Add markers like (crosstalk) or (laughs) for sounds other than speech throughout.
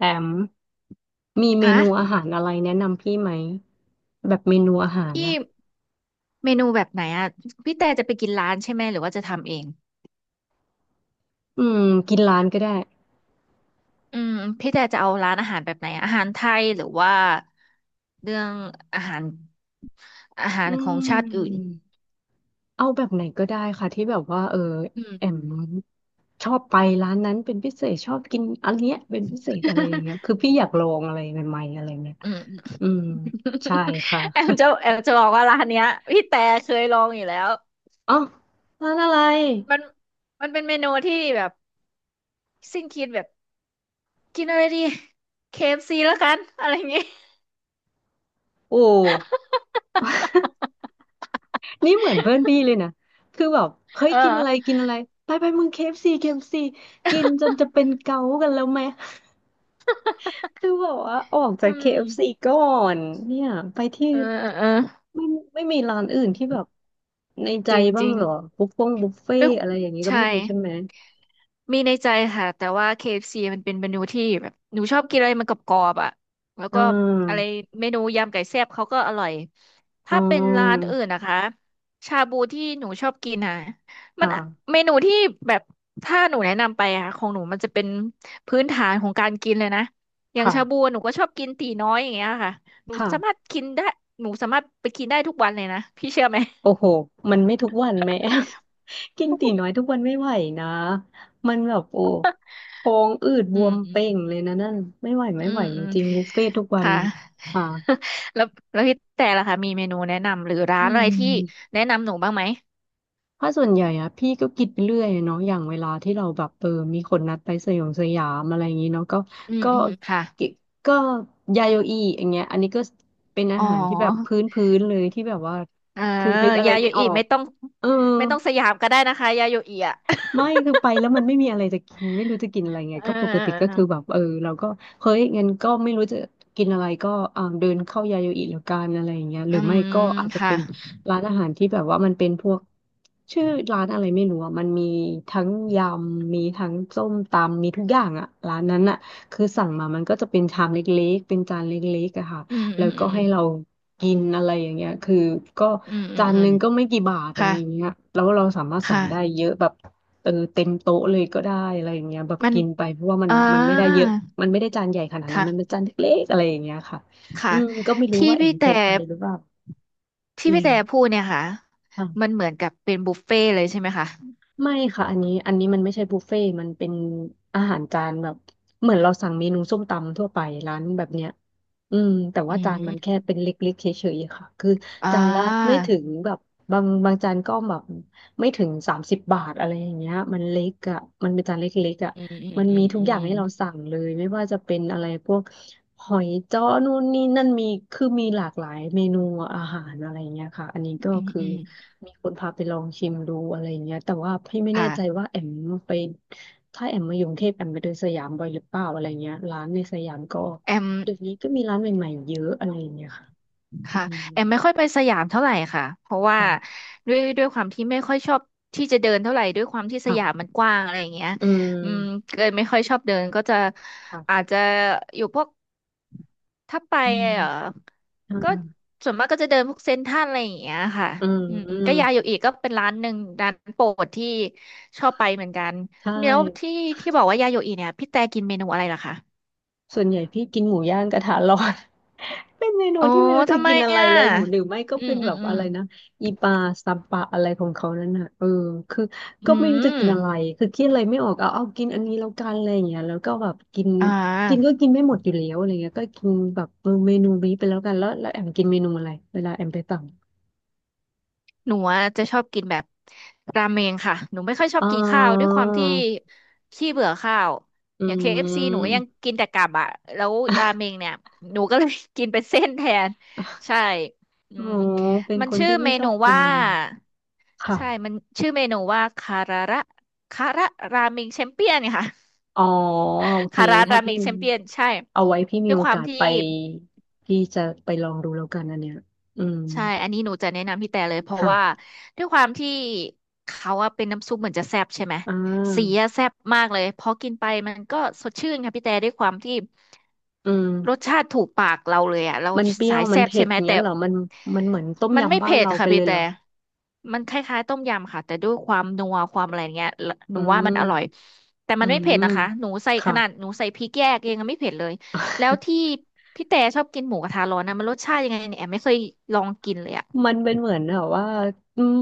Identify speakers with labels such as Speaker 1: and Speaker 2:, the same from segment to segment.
Speaker 1: แอมมีเม
Speaker 2: ฮะ
Speaker 1: นูอาหารอะไรแนะนำพี่ไหมแบบเมนูอาหาร
Speaker 2: พี่
Speaker 1: นะ
Speaker 2: เมนูแบบไหนอ่ะพี่แต่จะไปกินร้านใช่ไหมหรือว่าจะทำเอง
Speaker 1: อืมกินร้านก็ได้
Speaker 2: อืมพี่แต่จะเอาร้านอาหารแบบไหนอะอาหารไทยหรือว่าเรื่องอาหารอาหาร
Speaker 1: อื
Speaker 2: ของชาติอื่น
Speaker 1: มเอาแบบไหนก็ได้ค่ะที่แบบว่า
Speaker 2: อื
Speaker 1: แอม
Speaker 2: ม
Speaker 1: ชอบไปร้านนั้นเป็นพิเศษชอบกินอันเนี้ยเป็นพิเศษอะไรอย่างเงี้ยคือพี่อยากลองอะไรใหม่ๆอะไรเงี้ย
Speaker 2: อืม (laughs)
Speaker 1: อืมใช่ค่ะ
Speaker 2: แอมจะบอกว่าร้านเนี้ยพี่แต่เคยลองอยู่แล้ว
Speaker 1: (laughs) อ๋อร้านอะไร
Speaker 2: มันมันเป็นเมนูที่แบบสิ้นคิดแบบกินอะไรดีเคเอฟซีแล้วกันอะไรอย่างงี้
Speaker 1: โอ้ (laughs) นี่เหมือนเพื่อนพี่เลยนะคือแบบเฮ้ย
Speaker 2: เออ
Speaker 1: กินอะไรกินอะไรไปไปมึง k เ c ฟซีเคเอฟซีกินจนจะเป็นเกากันแล้วไหม คือแบบว่าออกจา
Speaker 2: อื
Speaker 1: ก KFC
Speaker 2: ม
Speaker 1: ก่อนเนี่ยไปที่
Speaker 2: เออเออเออ
Speaker 1: ไม่ไม่มีร้านอื่นที่แบบในใจ
Speaker 2: จริงจ
Speaker 1: บ้าง
Speaker 2: ริง
Speaker 1: เหรอบุฟเฟ่งบุฟเฟ่
Speaker 2: ด้วย
Speaker 1: อะไรอย่างนี้ก็
Speaker 2: ใช่
Speaker 1: ไม่มีใช่ไหม
Speaker 2: มีในใจค่ะแต่ว่า KFC มันเป็นเมนูที่แบบหนูชอบกินอะไรมันกรอบๆอ่ะแล้ว
Speaker 1: อ่
Speaker 2: ก็อะไร
Speaker 1: า
Speaker 2: เมนูยำไก่แซ่บเขาก็อร่อย
Speaker 1: อ๋
Speaker 2: ถ้าเป็นร้าน
Speaker 1: อ
Speaker 2: อื่นนะคะชาบูที่หนูชอบกินอ่ะมัน
Speaker 1: ค่ะ
Speaker 2: เมนูที่แบบถ้าหนูแนะนำไปอ่ะของหนูมันจะเป็นพื้นฐานของการกินเลยนะอย่าง
Speaker 1: ค่ะ
Speaker 2: ชาบูหนูก็ชอบกินตีน้อยอย่างเงี้ยค่ะหนูสามาร
Speaker 1: ค่ะ
Speaker 2: ถกินได้หนูสามารถไปกินได้ทุกวันเลยนะพี่เชื่อไหม
Speaker 1: โอ้โหมันไม่ทุกวันแม่ (laughs) กินตีน้อยทุกวันไม่ไหวนะมันแบบโอ้ท้องอืดบ
Speaker 2: อื
Speaker 1: ว
Speaker 2: ม
Speaker 1: ม
Speaker 2: อื
Speaker 1: เป่
Speaker 2: ม
Speaker 1: งเลยนะนั่นไม่ไหว
Speaker 2: อื
Speaker 1: ไม่ไหว
Speaker 2: ม
Speaker 1: จ
Speaker 2: อืม
Speaker 1: ริงๆบุฟเฟ่ทุกวัน
Speaker 2: ค่ะ
Speaker 1: ค่ะ
Speaker 2: (laughs) แล้วแล้วพี่แต่ล่ะคะมีเมนูแนะนำหรือร้า
Speaker 1: อื
Speaker 2: นอะไรที่
Speaker 1: ม
Speaker 2: แนะนำหนูบ้างไหม
Speaker 1: เพราะส่วนใหญ่อะพี่ก็คิดไปเรื่อยอะเนาะอย่างเวลาที่เราแบบมีคนนัดไปสยองสยามอะไรอย่างนี้เนาะ
Speaker 2: อืม
Speaker 1: ก็
Speaker 2: อืมค่ะ
Speaker 1: ก็ก็ยาโยอีอย่างเงี้ยอันนี้ก็เป็นอา
Speaker 2: อ๋อ
Speaker 1: หารที่แบบพื้นพื้นเลยที่แบบว่า
Speaker 2: เออ
Speaker 1: คือนึกอะไร
Speaker 2: ยาโย
Speaker 1: ไม่อ
Speaker 2: อิ
Speaker 1: อก
Speaker 2: ไม่ต้อง
Speaker 1: เออ
Speaker 2: ไม่ต้องสยามก็ได้นะคะยาโยอิอ่ะ
Speaker 1: ไม่คือไปแล้วมันไม่มีอะไรจะกินไม่รู้จะกินอะไร
Speaker 2: (laughs) เอ
Speaker 1: ไง
Speaker 2: อ
Speaker 1: ก็ปก
Speaker 2: เออ
Speaker 1: ติก็
Speaker 2: เออ
Speaker 1: คือแบบเออเราก็เฮ้ยงั้นก็ไม่รู้จะกินอะไรก็เดินเข้ายาโยอิแล้วกันอะไรอย่างเงี้ยห
Speaker 2: อื
Speaker 1: รือไม่
Speaker 2: ม
Speaker 1: ก็อาจจะ
Speaker 2: ค่ะ
Speaker 1: เป็นร้านอาหารที่แบบว่ามันเป็นพวกชื่อร้านอะไรไม่รู้อ่ะมันมีทั้งยำมีทั้งส้มตำมีทุกอย่างอ่ะร้านนั้นอ่ะคือสั่งมามันก็จะเป็นชามเล็กๆเป็นจานเล็กๆอะค่ะ
Speaker 2: อืม
Speaker 1: แล้
Speaker 2: อื
Speaker 1: ว
Speaker 2: มอื
Speaker 1: ก็
Speaker 2: ม
Speaker 1: ให้เรากินอะไรอย่างเงี้ยคือก็
Speaker 2: อืมอื
Speaker 1: จา
Speaker 2: ม
Speaker 1: น
Speaker 2: อื
Speaker 1: ห
Speaker 2: ม
Speaker 1: นึ่งก็ไม่กี่บาทอะไร
Speaker 2: ค่ะ
Speaker 1: อย่างเงี้ยแล้วเราสามารถสั่ง
Speaker 2: ค่ะ
Speaker 1: ได้เยอะแบบ เออเต็มโต๊ะเลยก็ได้อะไรอย่างเงี้ยแบบ
Speaker 2: มัน
Speaker 1: กินไปเพราะว่า
Speaker 2: อ่า
Speaker 1: มันไม่ได้เยอะมันไม่ได้จานใหญ่ขนาดนั้นมันเป็
Speaker 2: ค่ะ
Speaker 1: นจานเล็กๆอะไรอย่างเงี้ยค่ะ
Speaker 2: ค่ะ
Speaker 1: อืมก็ไม่รู้
Speaker 2: ที่
Speaker 1: ว่าแอ
Speaker 2: พี่
Speaker 1: มเค
Speaker 2: แต่
Speaker 1: ยไปหรือเปล่า
Speaker 2: ที่
Speaker 1: อื
Speaker 2: พี่
Speaker 1: ม
Speaker 2: แต่พูดเนี่ยค่ะมัน
Speaker 1: ค่ะ
Speaker 2: เหมือนกับเป็นบุฟเฟ่ต์เลยใช่ไหมคะ
Speaker 1: ไม่ค่ะอันนี้มันไม่ใช่บุฟเฟ่ต์มันเป็นอาหารจานแบบเหมือนเราสั่งเมนูส้มตำทั่วไปร้านแบบเนี้ยอืมแต่
Speaker 2: อื
Speaker 1: ว่าจานมัน
Speaker 2: ม
Speaker 1: แค่เป็นเล็กๆเฉยๆค่ะคือ
Speaker 2: อ่
Speaker 1: จานละไม่
Speaker 2: า
Speaker 1: ถึงแบบบางจานก็แบบไม่ถึง30 บาทอะไรอย่างเงี้ยมันเล็กอ่ะมันเป็นจานเล็กๆอ่ะ
Speaker 2: อืมอืม
Speaker 1: มัน
Speaker 2: อื
Speaker 1: มีทุกอย่าง
Speaker 2: ม
Speaker 1: ให้เราสั่งเลยไม่ว่าจะเป็นอะไรพวกหอยจ้อนู่นนี่นั่นมีคือมีหลากหลายเมนูอาหารอะไรเงี้ยค่ะอันนี้
Speaker 2: อืม
Speaker 1: ก็
Speaker 2: อืม
Speaker 1: คือ
Speaker 2: อืม
Speaker 1: มีคนพาไปลองชิมดูอะไรเงี้ยแต่ว่าพี่ไม่แน่ใจ
Speaker 2: ค่ะ
Speaker 1: ว่าแอมไปถ้าแอมมาอยู่กรุงเทพแอมไปเดินสยามบ่อยหรือเปล่าอะไรเงี้ยร้านในสยามก็
Speaker 2: แอม
Speaker 1: เดี๋ยวนี้ก็มีร้านใหม่ๆเยอะอะไรเงี้ยค่ะอื
Speaker 2: ค่ะ
Speaker 1: ม
Speaker 2: แอมไม่ค่อยไปสยามเท่าไหร่ค่ะเพราะว่า
Speaker 1: ค่ะ
Speaker 2: ด้วยความที่ไม่ค่อยชอบที่จะเดินเท่าไหร่ด้วยความที่ส
Speaker 1: ค่ะ
Speaker 2: ยามมันกว้างอะไรอย่างเงี้ย
Speaker 1: อืม
Speaker 2: อืมเกิดไม่ค่อยชอบเดินก็จะอาจ
Speaker 1: ค่ะ
Speaker 2: จะอยู่พวกถ้าไป
Speaker 1: อื
Speaker 2: เออ
Speaker 1: ม
Speaker 2: ก็
Speaker 1: อ่า
Speaker 2: ส่วนมากก็จะเดินพวกเซ็นทรัลอะไรอย่างเงี้ยค่ะ
Speaker 1: อื
Speaker 2: อืมก็
Speaker 1: ม
Speaker 2: ยาโยอิก็เป็นร้านหนึ่งร้านโปรดที่ชอบไปเหมือนกัน
Speaker 1: ใช่
Speaker 2: แล้วที่ที่บอกว่ายาโยอิเนี่ยพี่แต่กินเมนูอะไรล่ะคะ
Speaker 1: ส่วนใหญ่พี่กินหมูย่างกระทะร้อน (laughs) เป็นเมนู
Speaker 2: อ๋อ
Speaker 1: ที่ไม่รู้จะ
Speaker 2: ทำไม
Speaker 1: กินอะไร
Speaker 2: อ่ะ
Speaker 1: เลยหมูหรือไม่ก็
Speaker 2: อื
Speaker 1: เป็
Speaker 2: ม
Speaker 1: น
Speaker 2: อื
Speaker 1: แบ
Speaker 2: ม
Speaker 1: บ
Speaker 2: อื
Speaker 1: อะ
Speaker 2: ม
Speaker 1: ไรนะอีปลาซัมปะอะไรของเขานั่นน่ะเออคือ
Speaker 2: อื
Speaker 1: ก็ไม่รู้จะกินอะไร
Speaker 2: ม
Speaker 1: คือคิดอะไรไม่ออกเอากินอันนี้แล้วกันอะไรอย่างเงี้ยแล้วก็แบบกิน
Speaker 2: อ่
Speaker 1: กินก็
Speaker 2: า
Speaker 1: กินไม่หมดอยู่แล้วอะไรเงี้ยก็กินแบบเออเมนูนี้ไปแล้วกันแล้วแอมกินเมนูอะไรเวลาแอมไปสั่ง
Speaker 2: หนูอะจะชอบกินแบบราเมงค่ะหนูไม่ค่อยชอ
Speaker 1: อ๋
Speaker 2: บ
Speaker 1: อ
Speaker 2: กินข้าวด้วยความที่ขี้เบื่อข้าว
Speaker 1: อื
Speaker 2: อย่าง KFC หนูก็ยัง
Speaker 1: ม
Speaker 2: กินแต่กลับอ่ะแล้วราเมงเนี่ยหนูก็เลย (laughs) กินเป็นเส้นแทน
Speaker 1: (laughs)
Speaker 2: ใช่อื
Speaker 1: อ๋อ
Speaker 2: ม
Speaker 1: เป็น
Speaker 2: มัน
Speaker 1: คน
Speaker 2: ชื่อ
Speaker 1: ที่ไม่
Speaker 2: เม
Speaker 1: ชอ
Speaker 2: นู
Speaker 1: บกิน
Speaker 2: ว่า
Speaker 1: เลยค่ะ
Speaker 2: ใช่มันชื่อเมนูว่าคาราระคาระราเมงแชมเปี้ยนค่ะ
Speaker 1: อ๋อโอเค
Speaker 2: คารา
Speaker 1: ถ้า
Speaker 2: ราเม
Speaker 1: พี่
Speaker 2: งแชมเปี้ยนใช่
Speaker 1: เอาไว้พี่มี
Speaker 2: ด้วย
Speaker 1: โอ
Speaker 2: ความ
Speaker 1: กาส
Speaker 2: ที่
Speaker 1: ไปพี่จะไปลองดูแล้วกันอันเนี้ยอืม
Speaker 2: ใช่ อันนี้หนูจะแนะนำพี่แต่เลยเพราะว่า
Speaker 1: ค่ะ
Speaker 2: ด้วยความที่เขาอะเป็นน้ำซุปเหมือนจะแซ่บใช่ไหม
Speaker 1: อ่
Speaker 2: สี
Speaker 1: า
Speaker 2: อะแซ่บมากเลยพอกินไปมันก็สดชื่นค่ะพี่แต่ด้วยความที่
Speaker 1: อืม
Speaker 2: รสชาติถูกปากเราเลยอะเรา
Speaker 1: มันเปรี้ย
Speaker 2: สา
Speaker 1: ว
Speaker 2: ย
Speaker 1: มัน
Speaker 2: แซ่บ
Speaker 1: เผ็
Speaker 2: ใช่
Speaker 1: ด
Speaker 2: ไหม
Speaker 1: เงี้
Speaker 2: แต่
Speaker 1: ยเหรอมันมันเหมือนต้ม
Speaker 2: มันไม่
Speaker 1: ยำบ้าน
Speaker 2: เผ็ด
Speaker 1: เราไป
Speaker 2: ค่ะ
Speaker 1: เล
Speaker 2: พี่
Speaker 1: ยเหรอ
Speaker 2: แต่มันคล้ายๆต้มยำค่ะแต่ด้วยความนัวความอะไรเงี้ยห
Speaker 1: อื
Speaker 2: นูว่ามันอร่อย
Speaker 1: ม
Speaker 2: แต่
Speaker 1: อื
Speaker 2: มันไม่เผ็ด
Speaker 1: ม
Speaker 2: นะคะหนูใส่ข
Speaker 1: ค่ะ
Speaker 2: นาดหนูใส่พริกแยกเองยังไม่เผ็ดเลยแล้วที่
Speaker 1: (laughs)
Speaker 2: พี่แต่ชอบกินหมูกระทะร้อนนะมันรสชาติยังไงเนี่ยแอมไม่เคยลองกินเลยอะ
Speaker 1: มันเป็นเหมือนแบบว่าอืม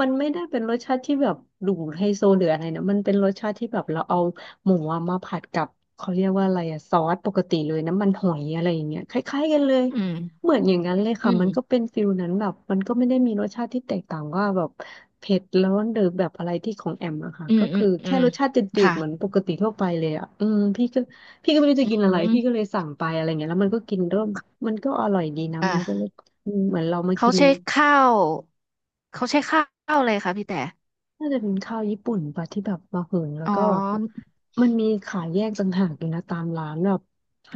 Speaker 1: มันไม่ได้เป็นรสชาติที่แบบดูไฮโซหรืออะไรนะมันเป็นรสชาติที่แบบเราเอาหมูอะมาผัดกับเขาเรียกว่าอะไรอะซอสปกติเลยน้ำมันหอยอะไรอย่างเงี้ยคล้ายๆกันเลย
Speaker 2: อืม
Speaker 1: เหมือนอย่างนั้นเลย
Speaker 2: อื
Speaker 1: ค่ะ
Speaker 2: ม
Speaker 1: มันก็เป็นฟิลนั้นแบบมันก็ไม่ได้มีรสชาติที่แตกต่างว่าแบบเผ็ดร้อนหรือแบบอะไรที่ของแอมอะค่ะ
Speaker 2: อืม
Speaker 1: ก็
Speaker 2: อื
Speaker 1: คื
Speaker 2: ม
Speaker 1: อ
Speaker 2: อื
Speaker 1: แค่
Speaker 2: ม
Speaker 1: รสชาติจืด
Speaker 2: ค่ะ
Speaker 1: ๆเหมือนปกติทั่วไปเลยอะอืมพี่ก็ไม่รู้จะ
Speaker 2: อื
Speaker 1: กินอะไร
Speaker 2: ม
Speaker 1: พี่ก็เลยสั่งไปอะไรเงี้ยแล้วมันก็กินเริ่มมันก็อร่อยดีนะมันก็เลย
Speaker 2: อ่า
Speaker 1: อืมเหมือนเรามา
Speaker 2: เขา
Speaker 1: กิน
Speaker 2: ใช้ข้าว เขาใช้ข้าวอะไรคะพี่แต่
Speaker 1: น่าจะเป็นข้าวญี่ปุ่นปะที่แบบมาเหินแล้ว
Speaker 2: อ๋อ
Speaker 1: ก็แบบมันมีขายแยกต่างหากอยู่นะตามร้านแบบห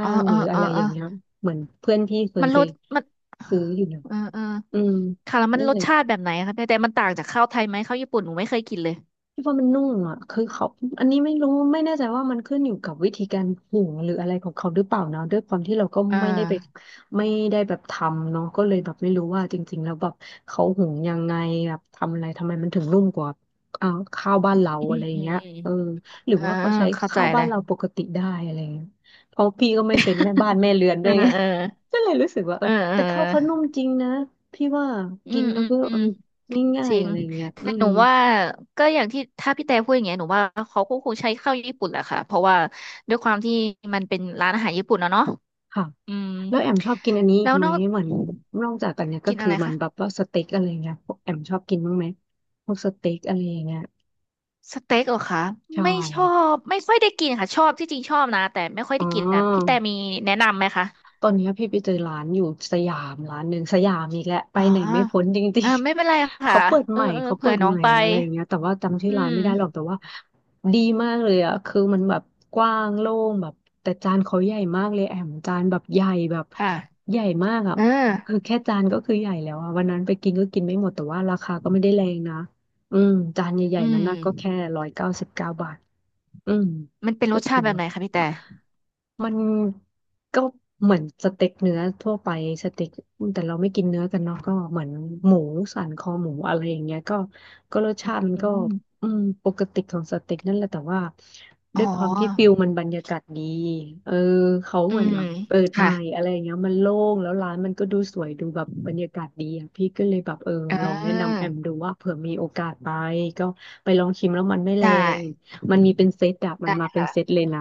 Speaker 2: อ๋
Speaker 1: ้า
Speaker 2: อ
Speaker 1: งห
Speaker 2: เออ
Speaker 1: รือ
Speaker 2: เอ
Speaker 1: อะ
Speaker 2: อ
Speaker 1: ไรอ
Speaker 2: เออ
Speaker 1: ย่างเงี้ยเหมือนเพื่อนพี่เคย
Speaker 2: มัน
Speaker 1: ไป
Speaker 2: รสมัน
Speaker 1: ซื้ออยู่นะ
Speaker 2: เออเออ
Speaker 1: อืม
Speaker 2: ค่ะแล้วมัน
Speaker 1: นั่น
Speaker 2: รส
Speaker 1: เลย
Speaker 2: ชาติแบบไหนคะพี่แต่มันต่างจากข้าวไทยไหมข้าวญี่ปุ่นหนูไม่เคยกินเลย
Speaker 1: คิดว่ามันนุ่มอ่ะคือเขาอันนี้ไม่รู้ไม่แน่ใจว่ามันขึ้นอยู่กับวิธีการหุงหรืออะไรของเขาหรือเปล่านะด้วยความที่เราก็
Speaker 2: อ่า
Speaker 1: ไม่ได้ไปไม่ได้แบบทำเนาะก็เลยแบบไม่รู้ว่าจริงๆแล้วแบบเขาหุงยังไงแบบทำอะไรทำไมมันถึงนุ่มกว่าอ่าข้าวบ้านเรา
Speaker 2: อื
Speaker 1: อะ
Speaker 2: ม
Speaker 1: ไรอ
Speaker 2: อืม
Speaker 1: ย่า
Speaker 2: อื
Speaker 1: งเงี้ยเอ
Speaker 2: ม
Speaker 1: อหรือ
Speaker 2: อ่า
Speaker 1: ว่าเขาใช้
Speaker 2: เข้าใจ
Speaker 1: ข้าว
Speaker 2: เล
Speaker 1: บ้าน
Speaker 2: ย
Speaker 1: เราปกติได้อะไรอย่างเงี้ยเพราะพี่ก็ไม่เป็นแม่บ้าน
Speaker 2: (laughs)
Speaker 1: แม่เรือนด้
Speaker 2: เอ
Speaker 1: ว
Speaker 2: อ
Speaker 1: ยไง
Speaker 2: เออ
Speaker 1: (laughs) ก็เลยรู้สึกว่าเอ
Speaker 2: เอ
Speaker 1: อ
Speaker 2: อเออ
Speaker 1: แต่ข้าวเขานุ่มจริงนะพี่ว่า
Speaker 2: อื
Speaker 1: กิน
Speaker 2: ม
Speaker 1: แล้
Speaker 2: อื
Speaker 1: ว
Speaker 2: ม
Speaker 1: ก็
Speaker 2: อื
Speaker 1: เออ
Speaker 2: ม
Speaker 1: ง่า
Speaker 2: จ
Speaker 1: ย
Speaker 2: ริ
Speaker 1: ๆ
Speaker 2: ง
Speaker 1: อะไรอย่างเงี้ยอื
Speaker 2: แต่ห
Speaker 1: ม
Speaker 2: นูว่าก็อย่างที่ถ้าพี่แต่พูดอย่างเงี้ยหนูว่าเขาก็คงใช้ข้าวญี่ปุ่นแหละค่ะเพราะว่าด้วยความที่มันเป็นร้านอาหารญี่ปุ่นนะเนาะ
Speaker 1: ค่ะ
Speaker 2: อืม
Speaker 1: แล้วแอมชอบกินอันนี้อี
Speaker 2: แล้
Speaker 1: ก
Speaker 2: ว
Speaker 1: ไหม
Speaker 2: นอก
Speaker 1: เหมือนนอกจากอันเนี้ยก็
Speaker 2: กิน
Speaker 1: คื
Speaker 2: อะ
Speaker 1: อ
Speaker 2: ไร
Speaker 1: มันแบบ
Speaker 2: คะ
Speaker 1: ว่าสเต็กอะไรเงี้ยพวกแอมชอบกินบ้างไหมพวกสเต็กอะไรอย่างเงี้ย
Speaker 2: สเต็กเหรอคะ
Speaker 1: ใช่
Speaker 2: ไม่ชอไม่ค่อยได้กินค่ะชอบที่จริงชอบนะแต่ไม่ค่อย
Speaker 1: อ๋
Speaker 2: ได้กินนะพี่แต่
Speaker 1: อ
Speaker 2: มีแนะนำไหมคะ
Speaker 1: ตอนเนี้ยพี่ไปเจอร้านอยู่สยามร้านหนึ่งสยามอีกแล้วไป
Speaker 2: อ๋อ
Speaker 1: ไหนไม่พ้นจริ
Speaker 2: เอ
Speaker 1: ง
Speaker 2: อไม่เป็น
Speaker 1: ๆ
Speaker 2: ไร
Speaker 1: (laughs)
Speaker 2: ค่ะ
Speaker 1: เขาเปิด
Speaker 2: เอ
Speaker 1: ให
Speaker 2: อ
Speaker 1: ม่
Speaker 2: เออ
Speaker 1: เขาเปิ
Speaker 2: เผื่อ
Speaker 1: ด
Speaker 2: น้อ
Speaker 1: ให
Speaker 2: ง
Speaker 1: ม่
Speaker 2: ไป
Speaker 1: อะไรอย่างเงี้ยแต่ว่าจำชื่อ
Speaker 2: อื
Speaker 1: ร้านไม่
Speaker 2: ม
Speaker 1: ได้หรอกแต่ว่าดีมากเลยอ่ะคือมันแบบกว้างโล่งแบบแต่จานเขาใหญ่มากเลยแอมจานแบบใหญ่แบบ
Speaker 2: ค่ะ
Speaker 1: ใหญ่มากอ่ะ
Speaker 2: เออ
Speaker 1: คือแค่จานก็คือใหญ่แล้วอ่ะวันนั้นไปกินก็กินไม่หมดแต่ว่าราคาก็ไม่ได้แรงนะอืมจานใหญ่
Speaker 2: อื
Speaker 1: ๆนั้น
Speaker 2: ม
Speaker 1: นะก็แค่199 บาท อืม
Speaker 2: มันเป็นร
Speaker 1: ก็
Speaker 2: สชา
Speaker 1: ถือ
Speaker 2: ติแบบ
Speaker 1: ว่า
Speaker 2: ไหนคะพี่แต่
Speaker 1: มันก็เหมือนสเต็กเนื้อทั่วไปสเต็กแต่เราไม่กินเนื้อกันเนาะก็เหมือนหมูสันคอหมูอะไรอย่างเงี้ยก็ก็รสชาติมัน
Speaker 2: อื
Speaker 1: ก็
Speaker 2: ม
Speaker 1: อืมปกติของสเต็กนั่นแหละแต่ว่า
Speaker 2: อ๋
Speaker 1: ด้ว
Speaker 2: อ
Speaker 1: ยความที่ฟิลมันบรรยากาศดีเออเขา
Speaker 2: อื
Speaker 1: เหมือน
Speaker 2: ม
Speaker 1: แบบเปิดให
Speaker 2: ค่ะ
Speaker 1: ม่อะไรอย่างเงี้ยมันโล่งแล้วร้านมันก็ดูสวยดูแบบบรรยากาศดีอ่ะพี่ก็เลยแบบเออ
Speaker 2: อ่
Speaker 1: ลองแนะนำแอ
Speaker 2: า
Speaker 1: มดูว่าเผื่อมีโอกาสไปก็ไปลองชิมแล้วมันไม่แร
Speaker 2: ได้
Speaker 1: ง มันมีเป็นเซตอะมัน
Speaker 2: ได้
Speaker 1: มาเป็น
Speaker 2: ค่ะ
Speaker 1: เซตเลยนะ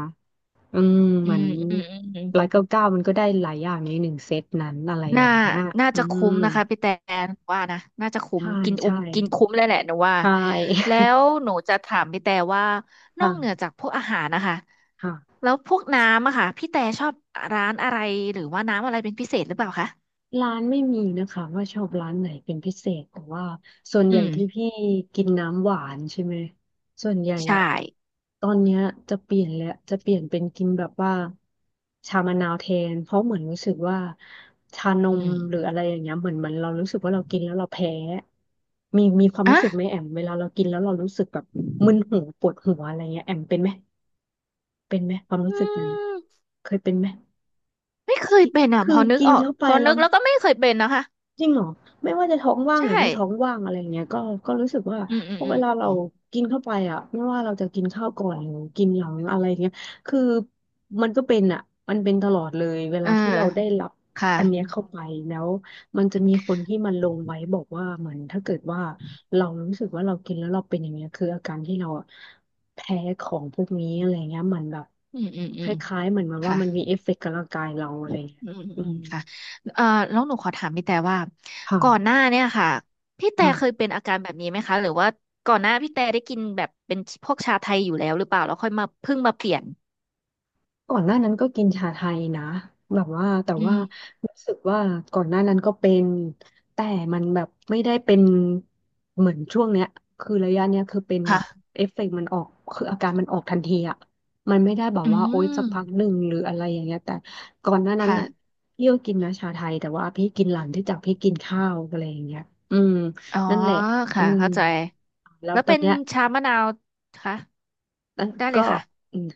Speaker 1: อืม
Speaker 2: อื
Speaker 1: เหมือ
Speaker 2: ม
Speaker 1: น
Speaker 2: อืมอืมอืม
Speaker 1: 199มันก็ได้หลายอย่างในหนึ่งเซตนั้นอะไรอ
Speaker 2: น่า
Speaker 1: ย่างเงี้ย
Speaker 2: น่า
Speaker 1: อื
Speaker 2: จะคุ้
Speaker 1: ม
Speaker 2: มนะคะพี่แตหนว่านะน่าจะคุ้ม
Speaker 1: ใช่
Speaker 2: กินอุ้
Speaker 1: ใช่
Speaker 2: มกินคุ้มเลยแหละหนูว่า
Speaker 1: ใช
Speaker 2: แล้
Speaker 1: ่
Speaker 2: วหนูจะถามพี่แต่ว่า
Speaker 1: (laughs)
Speaker 2: นอกเหนือ
Speaker 1: ค่ะ
Speaker 2: จากพวกอาหารนะคะ
Speaker 1: ค่ะ
Speaker 2: แล้วพวกน้ำอะค่ะพี่แต่ชอบร้านอะไรหรือว่าน้ำอะไรเป็นพิเศษหรือเปล่าคะ
Speaker 1: ร้านไม่มีนะคะว่าชอบร้านไหนเป็นพิเศษแต่ว่าส่วน
Speaker 2: อื
Speaker 1: ใหญ่ที่
Speaker 2: ม
Speaker 1: พี่กินน้ำหวานใช่ไหมส่วนใหญ่
Speaker 2: ใช่
Speaker 1: อะตอนเนี้ยจะเปลี่ยนแล้วจะเปลี่ยนเป็นกินแบบว่าชามะนาวแทนเพราะเหมือนรู้สึกว่าชาน
Speaker 2: อื
Speaker 1: ม
Speaker 2: ม
Speaker 1: หรืออะไรอย่างเงี้ยเหมือนเมันเรารู้สึกว่าเรากินแล้วเราแพ้มีความรู้
Speaker 2: อ่ะ
Speaker 1: สึกไหมแอมเวลาเรากินแล้วเรารู้สึกแบบมึนหัวปวดหัวอะไรเงี้ยแอมเป็นไหมเป็นไหมความ
Speaker 2: อื
Speaker 1: รู้สึกนั้น
Speaker 2: ม
Speaker 1: เคยเป็นไหม
Speaker 2: ไม่เคยเป็นอ่ะพ
Speaker 1: คื
Speaker 2: อ
Speaker 1: อ
Speaker 2: นึก
Speaker 1: กิน
Speaker 2: ออก
Speaker 1: เข้าไป
Speaker 2: พอ
Speaker 1: แล้
Speaker 2: นึ
Speaker 1: ว
Speaker 2: กแล้วก็ไม่เคยเป็นนะคะ
Speaker 1: จริงเหรอไม่ว่าจะท้องว่างห
Speaker 2: ใช่
Speaker 1: รือไม่ท้องว่างอะไรเงี้ยก็ก็รู้สึกว่า
Speaker 2: อืมอื
Speaker 1: พ
Speaker 2: ม
Speaker 1: อ
Speaker 2: อ
Speaker 1: เวลาเรา
Speaker 2: ืม
Speaker 1: กินเข้าไปอ่ะไม่ว่าเราจะกินข้าวก่อนหรือกินหลังอะไรเงี้ยคือมันก็เป็นอ่ะมันเป็นตลอดเลยเว
Speaker 2: เอ
Speaker 1: ลา
Speaker 2: อ
Speaker 1: ที่เราได้รับอันเนี้ย
Speaker 2: ค่ะ
Speaker 1: เข้าไปแล้วมันจะมีคนที่มันลงไว้บอกว่าเหมือนถ้าเกิดว่าเรารู้สึกว่าเรากินแล้วเราเป็นอย่างเงี้ยคืออาการที่เราอะแพ้ของพวกนี้อะไรเงี้ยเหมือนแบบ
Speaker 2: อืมอืม
Speaker 1: ค
Speaker 2: อืม
Speaker 1: ล้ายๆเหมือนมันว่า
Speaker 2: ค่ะ
Speaker 1: มันมีเอฟเฟกต์กับร่างกายเราอะ
Speaker 2: อื
Speaker 1: ไร
Speaker 2: ม
Speaker 1: เงี้ย
Speaker 2: อืม
Speaker 1: อื
Speaker 2: อืม
Speaker 1: ม
Speaker 2: ค่ะเอ่อแล้วหนูขอถามพี่แต่ว่าก่อนห
Speaker 1: ค่ะ
Speaker 2: น้าเนี่ยค่ะพี่แต่เคย
Speaker 1: ค่ะ
Speaker 2: เป็นอาการแบบนี้ไหมคะหรือว่าก่อนหน้าพี่แต่ได้กินแบบเป็นพวกชาไทยอยู่แล้วหรือเปล่าแล้วค่อยมาเพิ่งมาเปลี่ยน
Speaker 1: ก่อนหน้านั้นก็กินชาไทยนะแบบว่าแต่
Speaker 2: อื
Speaker 1: ว่า
Speaker 2: ม
Speaker 1: รู้สึกว่าก่อนหน้านั้นก็เป็นแต่มันแบบไม่ได้เป็นเหมือนช่วงเนี้ยคือระยะเนี้ยคือเป็นแบ
Speaker 2: ค่ะ
Speaker 1: บเอฟเฟกต์มันออกคืออาการมันออกทันทีอะมันไม่ได้แบบ
Speaker 2: อื
Speaker 1: ว่าโอ๊ยสัก
Speaker 2: ม
Speaker 1: พักหนึ่งหรืออะไรอย่างเงี้ยแต่ก่อนหน้านั้นอ่ะ
Speaker 2: ค่ะ
Speaker 1: พี่ก็กินนะชาไทยแต่ว่าพี่กินหลังที่จากพี่กินข้าวอะไรอย่างเงี้ยอืม
Speaker 2: อ๋อ
Speaker 1: นั่นแหละอื
Speaker 2: ค่ะ
Speaker 1: ม
Speaker 2: เข้าใจ
Speaker 1: แล้ว
Speaker 2: แล้ว
Speaker 1: ตอ
Speaker 2: เป็
Speaker 1: น
Speaker 2: น
Speaker 1: เนี้ย
Speaker 2: ชามะนาวคะ
Speaker 1: แล้ว
Speaker 2: ได้เล
Speaker 1: ก็
Speaker 2: ยค่ะ
Speaker 1: อืม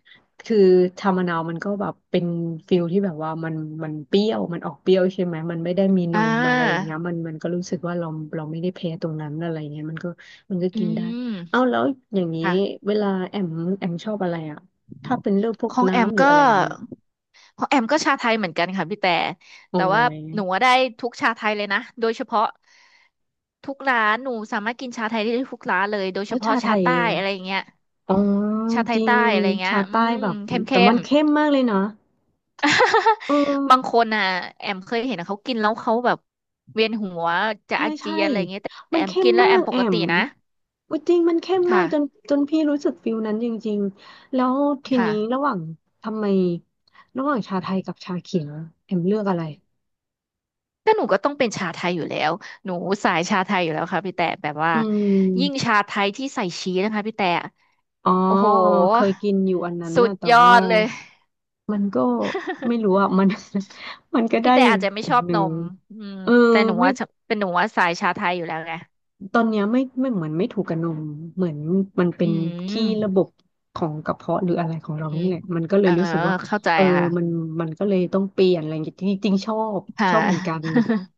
Speaker 1: คือชามะนาวมันก็แบบเป็นฟิลที่แบบว่ามันเปรี้ยวมันออกเปรี้ยวใช่ไหมมันไม่ได้มีน
Speaker 2: อ่
Speaker 1: มอะไรอย่าง
Speaker 2: า
Speaker 1: เงี้ยมันก็รู้สึกว่าเราเราไม่ได้แพ้ตรงนั้นอะไรเงี้ยมันก็มันก็
Speaker 2: อื
Speaker 1: กินได้
Speaker 2: ม
Speaker 1: เอาแล้วอย่างนี้
Speaker 2: ค่ะ
Speaker 1: เวลาแอมแอมชอบอะไรอ่ะถ้าเป็นเรื่องพวก
Speaker 2: ของแอม
Speaker 1: น้ำหรืออะ
Speaker 2: ก็
Speaker 1: ไรอย่างเงี้ย
Speaker 2: ของแอมก็ชาไทยเหมือนกันค่ะพี่แต่
Speaker 1: โอ้
Speaker 2: แต่ว่า
Speaker 1: ย
Speaker 2: หนูอะได้ทุกชาไทยเลยนะโดยเฉพาะทุกร้านหนูสามารถกินชาไทยได้ทุกร้านเลยโดยเฉ
Speaker 1: แล้ว
Speaker 2: พาะ
Speaker 1: ชาไท
Speaker 2: ชา
Speaker 1: ย
Speaker 2: ใต้อะไรเงี้ย
Speaker 1: อ๋อ
Speaker 2: ชาไท
Speaker 1: จ
Speaker 2: ย
Speaker 1: ริง
Speaker 2: ใต้อะไรเงี้
Speaker 1: ชา
Speaker 2: ยอื
Speaker 1: ใต้แบ
Speaker 2: ม
Speaker 1: บ
Speaker 2: เข้ม
Speaker 1: แต่
Speaker 2: เข้
Speaker 1: มั
Speaker 2: ม
Speaker 1: นเข้มมากเลยนะเอ
Speaker 2: บางค
Speaker 1: อ
Speaker 2: นอ่ะแอมเคยเห็นเขากินแล้วเขาแบบเวียนหัวจะ
Speaker 1: ใช่
Speaker 2: อาเจี
Speaker 1: ใช่
Speaker 2: ยนอะไรเงี้ยแต่แต่
Speaker 1: มัน
Speaker 2: แอม
Speaker 1: เข้ม
Speaker 2: กินแล้ว
Speaker 1: มา
Speaker 2: แอ
Speaker 1: ก
Speaker 2: มป
Speaker 1: แอ
Speaker 2: ก
Speaker 1: ม
Speaker 2: ตินะ
Speaker 1: อุ๊ยจริงมันเข้มมาก
Speaker 2: ค่ะ
Speaker 1: จนจนพี่รู้สึกฟิลนั้นจริงๆแล้วทีนี้ระ
Speaker 2: ค่ะ
Speaker 1: หว่างทำไมระหว่างชาไทยกับชาเขียวเอ็มเลือกอะไร
Speaker 2: ก็หนูก็ต้องเป็นชาไทยอยู่แล้วหนูสายชาไทยอยู่แล้วค่ะพี่แต่แบบว่า
Speaker 1: อื
Speaker 2: ยิ่ง
Speaker 1: ม
Speaker 2: ชาไทยที่ใส่ชีสนะคะพี่แต่
Speaker 1: อ๋อ
Speaker 2: โอ้โห
Speaker 1: เคยกินอยู่อันนั้น
Speaker 2: สุ
Speaker 1: นะ
Speaker 2: ด
Speaker 1: แต่
Speaker 2: ยอ
Speaker 1: ว่า
Speaker 2: ดเลย
Speaker 1: มันก็ไม่
Speaker 2: (laughs)
Speaker 1: รู้อ่ะมัน (laughs) มันก็
Speaker 2: พี่
Speaker 1: ได้
Speaker 2: แต่
Speaker 1: อย่าง
Speaker 2: อาจจะไม่
Speaker 1: แบ
Speaker 2: ช
Speaker 1: บ
Speaker 2: อบ
Speaker 1: ห
Speaker 2: น
Speaker 1: นึ่ง
Speaker 2: มอืม
Speaker 1: เออ
Speaker 2: แต่หนู
Speaker 1: ไม่
Speaker 2: ว่าชอบเป็นหนูว่าสายชาไทยอยู่แล้วไง
Speaker 1: ตอนเนี้ยไม่ไม่เหมือนไม่ถูกกับนมเหมือนมันเป็
Speaker 2: อื
Speaker 1: นที่ระบ
Speaker 2: ม
Speaker 1: บของกระเพาะหรืออะไรของ
Speaker 2: อื
Speaker 1: เรานี่
Speaker 2: ม
Speaker 1: แหละมันก็เล
Speaker 2: เอ
Speaker 1: ย
Speaker 2: อ
Speaker 1: รู้สึกว่า
Speaker 2: เข้าใจ
Speaker 1: เออมัน
Speaker 2: ค่ะ
Speaker 1: มันก็เลยต้องเปลี่ยนอะไรอย่างเงี้ยจริงๆชอบ
Speaker 2: ค่ะ
Speaker 1: ชอบเหมือนกัน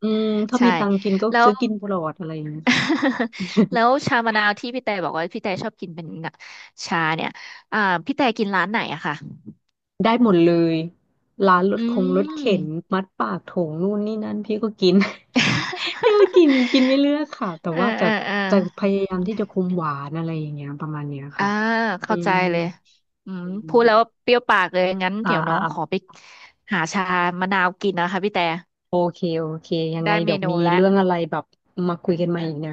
Speaker 1: อืม ถ้า
Speaker 2: ใช่
Speaker 1: มีตังค์กินก็
Speaker 2: แล้ว
Speaker 1: ซื้อกินตลอดอะไรอย่างเงี้ยค่ะ
Speaker 2: (laughs)
Speaker 1: (laughs)
Speaker 2: แล้วชามะนาวที่พี่แต่บอกว่าพี่แต่ชอบกินเป็นชาเนี่ยอ่าพี่แต่กินร้านไหนอะค่ะ
Speaker 1: ได้หมดเลยร้านรถ
Speaker 2: อื
Speaker 1: คงรถเข็น
Speaker 2: ม
Speaker 1: มัดปากโถงนู่นนี่นั่นพี่ก็กิน (laughs) พี่ก็กิน
Speaker 2: (laughs)
Speaker 1: กินไม่เลือกค่ะแต่
Speaker 2: เออ
Speaker 1: ว่า
Speaker 2: เอ
Speaker 1: จะ
Speaker 2: อเออ
Speaker 1: จะพยายามที่จะคุมหวานอะไรอย่างเงี้ยประมาณเนี้ย
Speaker 2: อ่า
Speaker 1: ค่ะอื
Speaker 2: เข้าใจ
Speaker 1: ม
Speaker 2: เลยอืมพูดแล้วว่าเปรี้ยวปากเลยงั้น
Speaker 1: อ่า
Speaker 2: เดี๋ยวน้
Speaker 1: อ่า
Speaker 2: องขอไปหาชามะนาวกินนะคะพี่แต่
Speaker 1: โอเค โอเค ยังไง
Speaker 2: ได้เม
Speaker 1: เดี๋ยว
Speaker 2: นู
Speaker 1: มี
Speaker 2: แล้ว
Speaker 1: เรื่องอะไรแบบมาคุยกันใหม่อีกนะ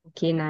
Speaker 1: โอเคนะ